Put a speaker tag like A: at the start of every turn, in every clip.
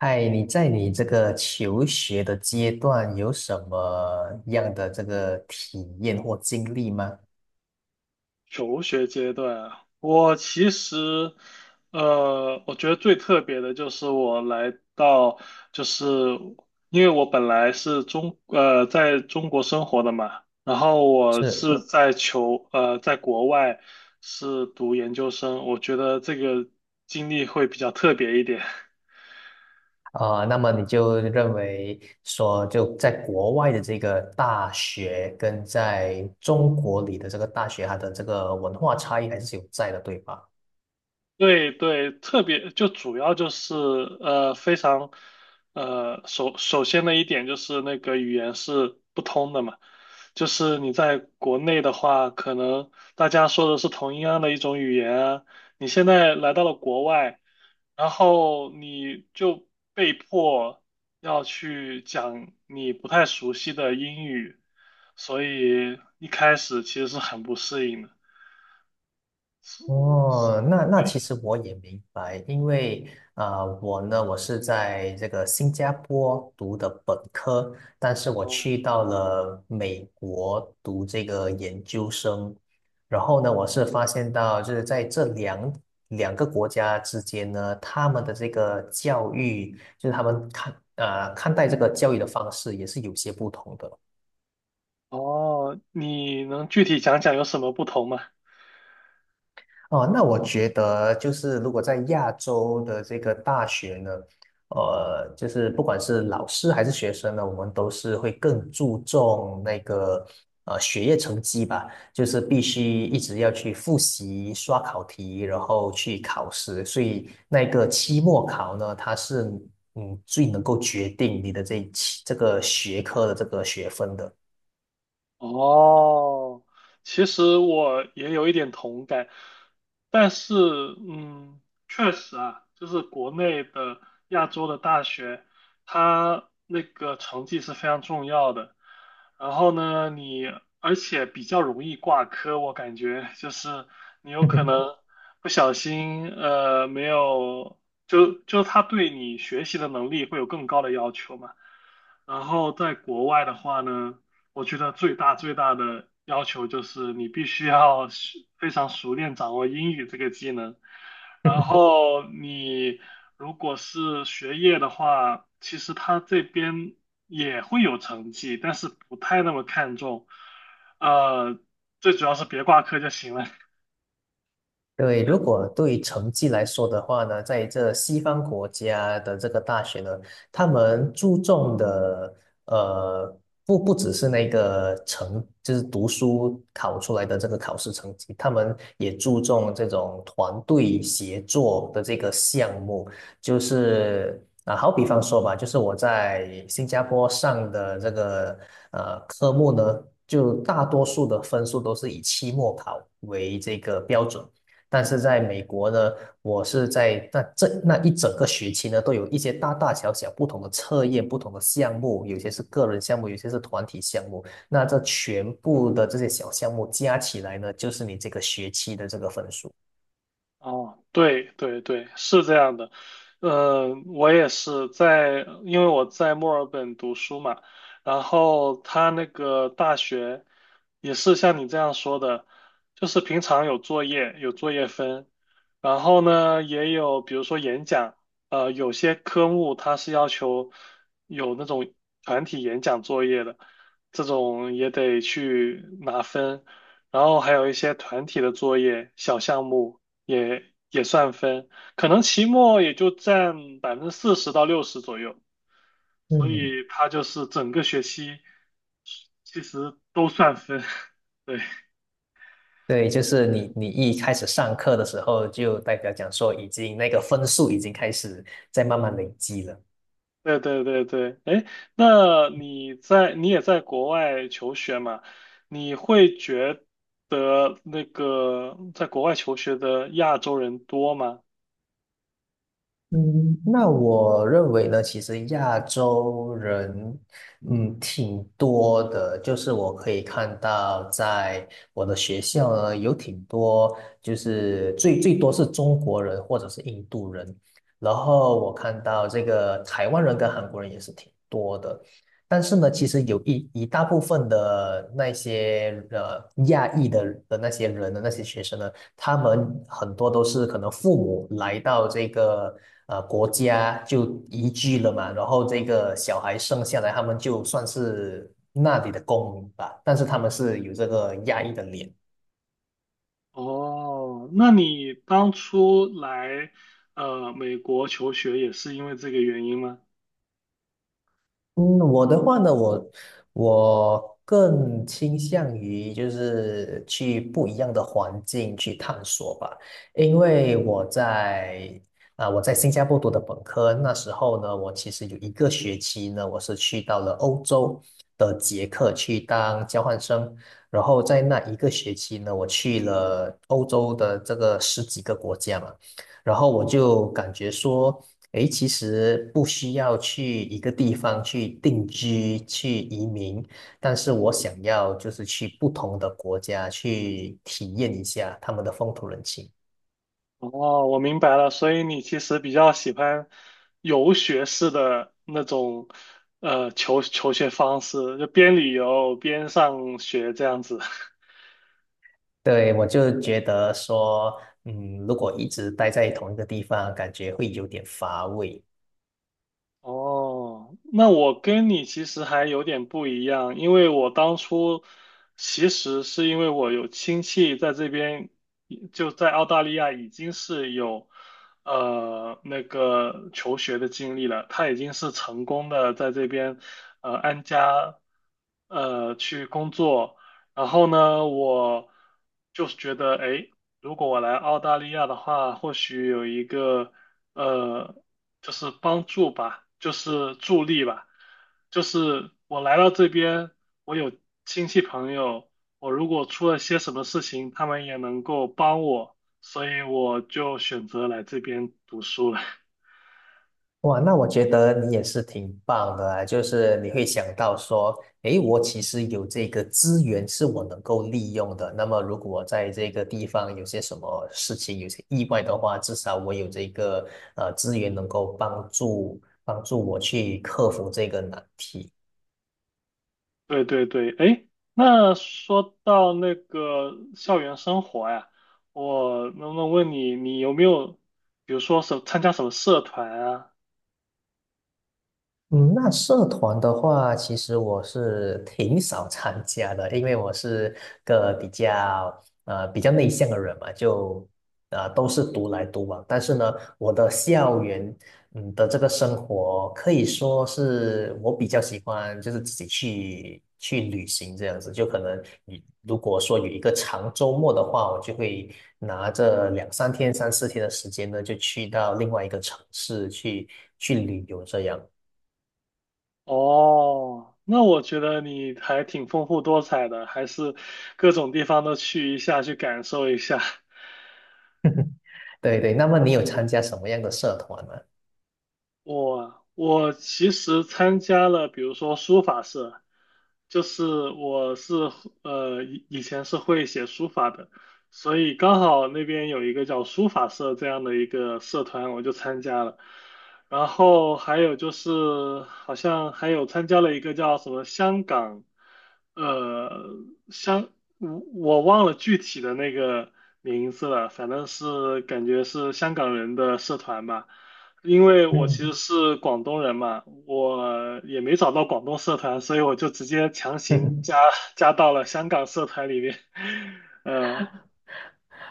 A: 嗨，你在你这个求学的阶段有什么样的这个体验或经历吗？
B: 求学阶段啊，我其实，我觉得最特别的就是我来到，就是因为我本来是中，在中国生活的嘛，然后我
A: 是，
B: 是嗯在求，在国外是读研究生，我觉得这个经历会比较特别一点。
A: 那么你就认为说，就在国外的这个大学跟在中国里的这个大学，它的这个文化差异还是有在的，对吧？
B: 对对，特别就主要就是非常首先的一点就是那个语言是不通的嘛，就是你在国内的话，可能大家说的是同一样的一种语言啊，你现在来到了国外，然后你就被迫要去讲你不太熟悉的英语，所以一开始其实是很不适应的。是是
A: 哦，那其实我也明白，因为啊，我呢，我是在这个新加坡读的本科，但是我
B: 哦。
A: 去到了美国读这个研究生，然后呢，我是发现到就是在这两个国家之间呢，他们的这个教育，就是他们看待这个教育的方式也是有些不同的。
B: 哦，你能具体讲讲有什么不同吗？
A: 哦，那我觉得就是如果在亚洲的这个大学呢，就是不管是老师还是学生呢，我们都是会更注重那个学业成绩吧，就是必须一直要去复习、刷考题，然后去考试，所以那个期末考呢，它是最能够决定你的这一期这个学科的这个学分的。
B: 哦，其实我也有一点同感，但是，嗯，确实啊，就是国内的亚洲的大学，它那个成绩是非常重要的。然后呢，你而且比较容易挂科，我感觉就是你有可能 不小心，没有，就他对你学习的能力会有更高的要求嘛。然后在国外的话呢。我觉得最大最大的要求就是你必须要非常熟练掌握英语这个技能。然后你如果是学业的话，其实他这边也会有成绩，但是不太那么看重。呃，最主要是别挂科就行了。
A: 对，如果对成绩来说的话呢，在这西方国家的这个大学呢，他们注重的呃，不只是那个成，就是读书考出来的这个考试成绩，他们也注重这种团队协作的这个项目，就是啊，好比方说吧，就是我在新加坡上的这个科目呢，就大多数的分数都是以期末考为这个标准。但是在美国呢，我是在那这那一整个学期呢，都有一些大大小小不同的测验、不同的项目，有些是个人项目，有些是团体项目。那这全部的这些小项目加起来呢，就是你这个学期的这个分数。
B: 哦，对对对，是这样的。呃，我也是在，因为我在墨尔本读书嘛，然后他那个大学也是像你这样说的，就是平常有作业，有作业分，然后呢也有比如说演讲，呃，有些科目它是要求有那种团体演讲作业的，这种也得去拿分。然后还有一些团体的作业、小项目，也也算分，可能期末也就占40%到60%左右，所
A: 嗯，
B: 以它就是整个学期其实都算分。
A: 对，就是你一开始上课的时候，就代表讲说已经那个分数已经开始在慢慢累积了。
B: 对对对对对，哎，那你在你也在国外求学嘛？你会觉得那个在国外求学的亚洲人多吗？
A: 嗯，那我认为呢，其实亚洲人，嗯，挺多的。就是我可以看到，在我的学校呢，有挺多，就是最多是中国人或者是印度人。然后我看到这个台湾人跟韩国人也是挺多的。但是呢，其实有一大部分的那些亚裔的那些人的那些学生呢，他们很多都是可能父母来到这个国家就移居了嘛，然后这个小孩生下来，他们就算是那里的公民吧，但是他们是有这个亚裔的脸。
B: 哦，那你当初来美国求学也是因为这个原因吗？
A: 嗯，我的话呢，我更倾向于就是去不一样的环境去探索吧，因为我在新加坡读的本科，那时候呢，我其实有一个学期呢，我是去到了欧洲的捷克去当交换生，然后在那一个学期呢，我去了欧洲的这个十几个国家嘛。然后我就感觉说，诶，其实不需要去一个地方去定居、去移民，但是我想要就是去不同的国家去体验一下他们的风土人情。
B: 哦，我明白了，所以你其实比较喜欢游学式的那种求学方式，就边旅游边上学这样子。
A: 对，我就觉得说，嗯，如果一直待在同一个地方，感觉会有点乏味。
B: 哦，那我跟你其实还有点不一样，因为我当初其实是因为我有亲戚在这边，就在澳大利亚已经是有那个求学的经历了，他已经是成功的在这边安家去工作，然后呢，我就是觉得哎，如果我来澳大利亚的话，或许有一个。呃，就是帮助吧，就是助力吧，就是我来到这边，我有亲戚朋友，我如果出了些什么事情，他们也能够帮我，所以我就选择来这边读书了。
A: 哇，那我觉得你也是挺棒的啊，就是你会想到说，诶，我其实有这个资源是我能够利用的。那么，如果我在这个地方有些什么事情，有些意外的话，至少我有这个资源能够帮助我去克服这个难题。
B: 对对对，哎，那说到那个校园生活呀，我能不能问你，你有没有，比如说什参加什么社团啊？
A: 嗯，那社团的话，其实我是挺少参加的，因为我是个比较比较内向的人嘛，就都是独来独往。但是呢，我的校园的这个生活可以说是我比较喜欢，就是自己去旅行这样子。就可能你如果说有一个长周末的话，我就会拿着两三天、三四天的时间呢，就去到另外一个城市去旅游这样。
B: 哦，那我觉得你还挺丰富多彩的，还是各种地方都去一下，去感受一下。
A: 对对，那么你有参加什么样的社团吗？
B: 我我其实参加了，比如说书法社，就是我是以前是会写书法的，所以刚好那边有一个叫书法社这样的一个社团，我就参加了。然后还有就是好像还有参加了一个叫什么香港，呃香我我忘了具体的那个名字了，反正是感觉是香港人的社团吧。因为我其
A: 嗯，
B: 实是广东人嘛，我也没找到广东社团，所以我就直接强行 加到了香港社团里面。呃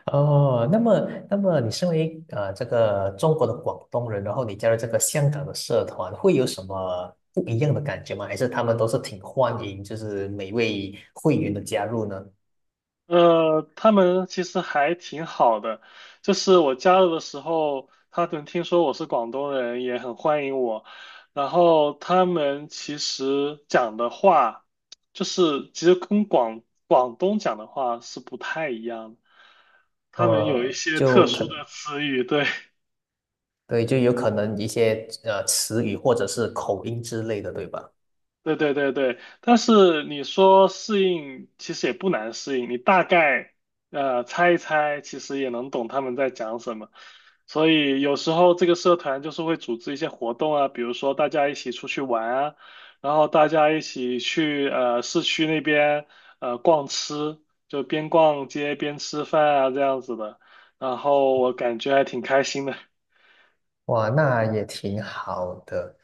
A: 哦，那么你身为这个中国的广东人，然后你加入这个香港的社团，会有什么不一样的感觉吗？还是他们都是挺欢迎，就是每位会员的加入呢？
B: 呃，他们其实还挺好的，就是我加入的时候，他们听说我是广东人，也很欢迎我。然后他们其实讲的话，就是其实跟广东讲的话是不太一样的，他们有一
A: 呃，
B: 些特
A: 就可，
B: 殊的词语，对。
A: 对，就有可能一些词语或者是口音之类的，对吧？
B: 对对对对，但是你说适应，其实也不难适应，你大概猜一猜，其实也能懂他们在讲什么。所以有时候这个社团就是会组织一些活动啊，比如说大家一起出去玩啊，然后大家一起去市区那边逛吃，就边逛街边吃饭啊这样子的。然后我感觉还挺开心的。
A: 哇，那也挺好的。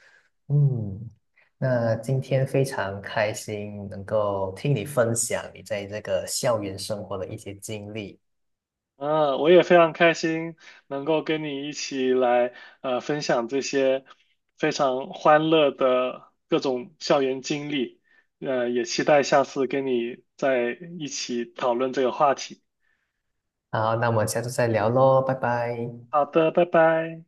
A: 嗯，那今天非常开心能够听你分享你在这个校园生活的一些经历。
B: 嗯，我也非常开心能够跟你一起来分享这些非常欢乐的各种校园经历，呃，也期待下次跟你在一起讨论这个话题。
A: 好，那我们下次再聊喽，拜拜。
B: 好的，拜拜。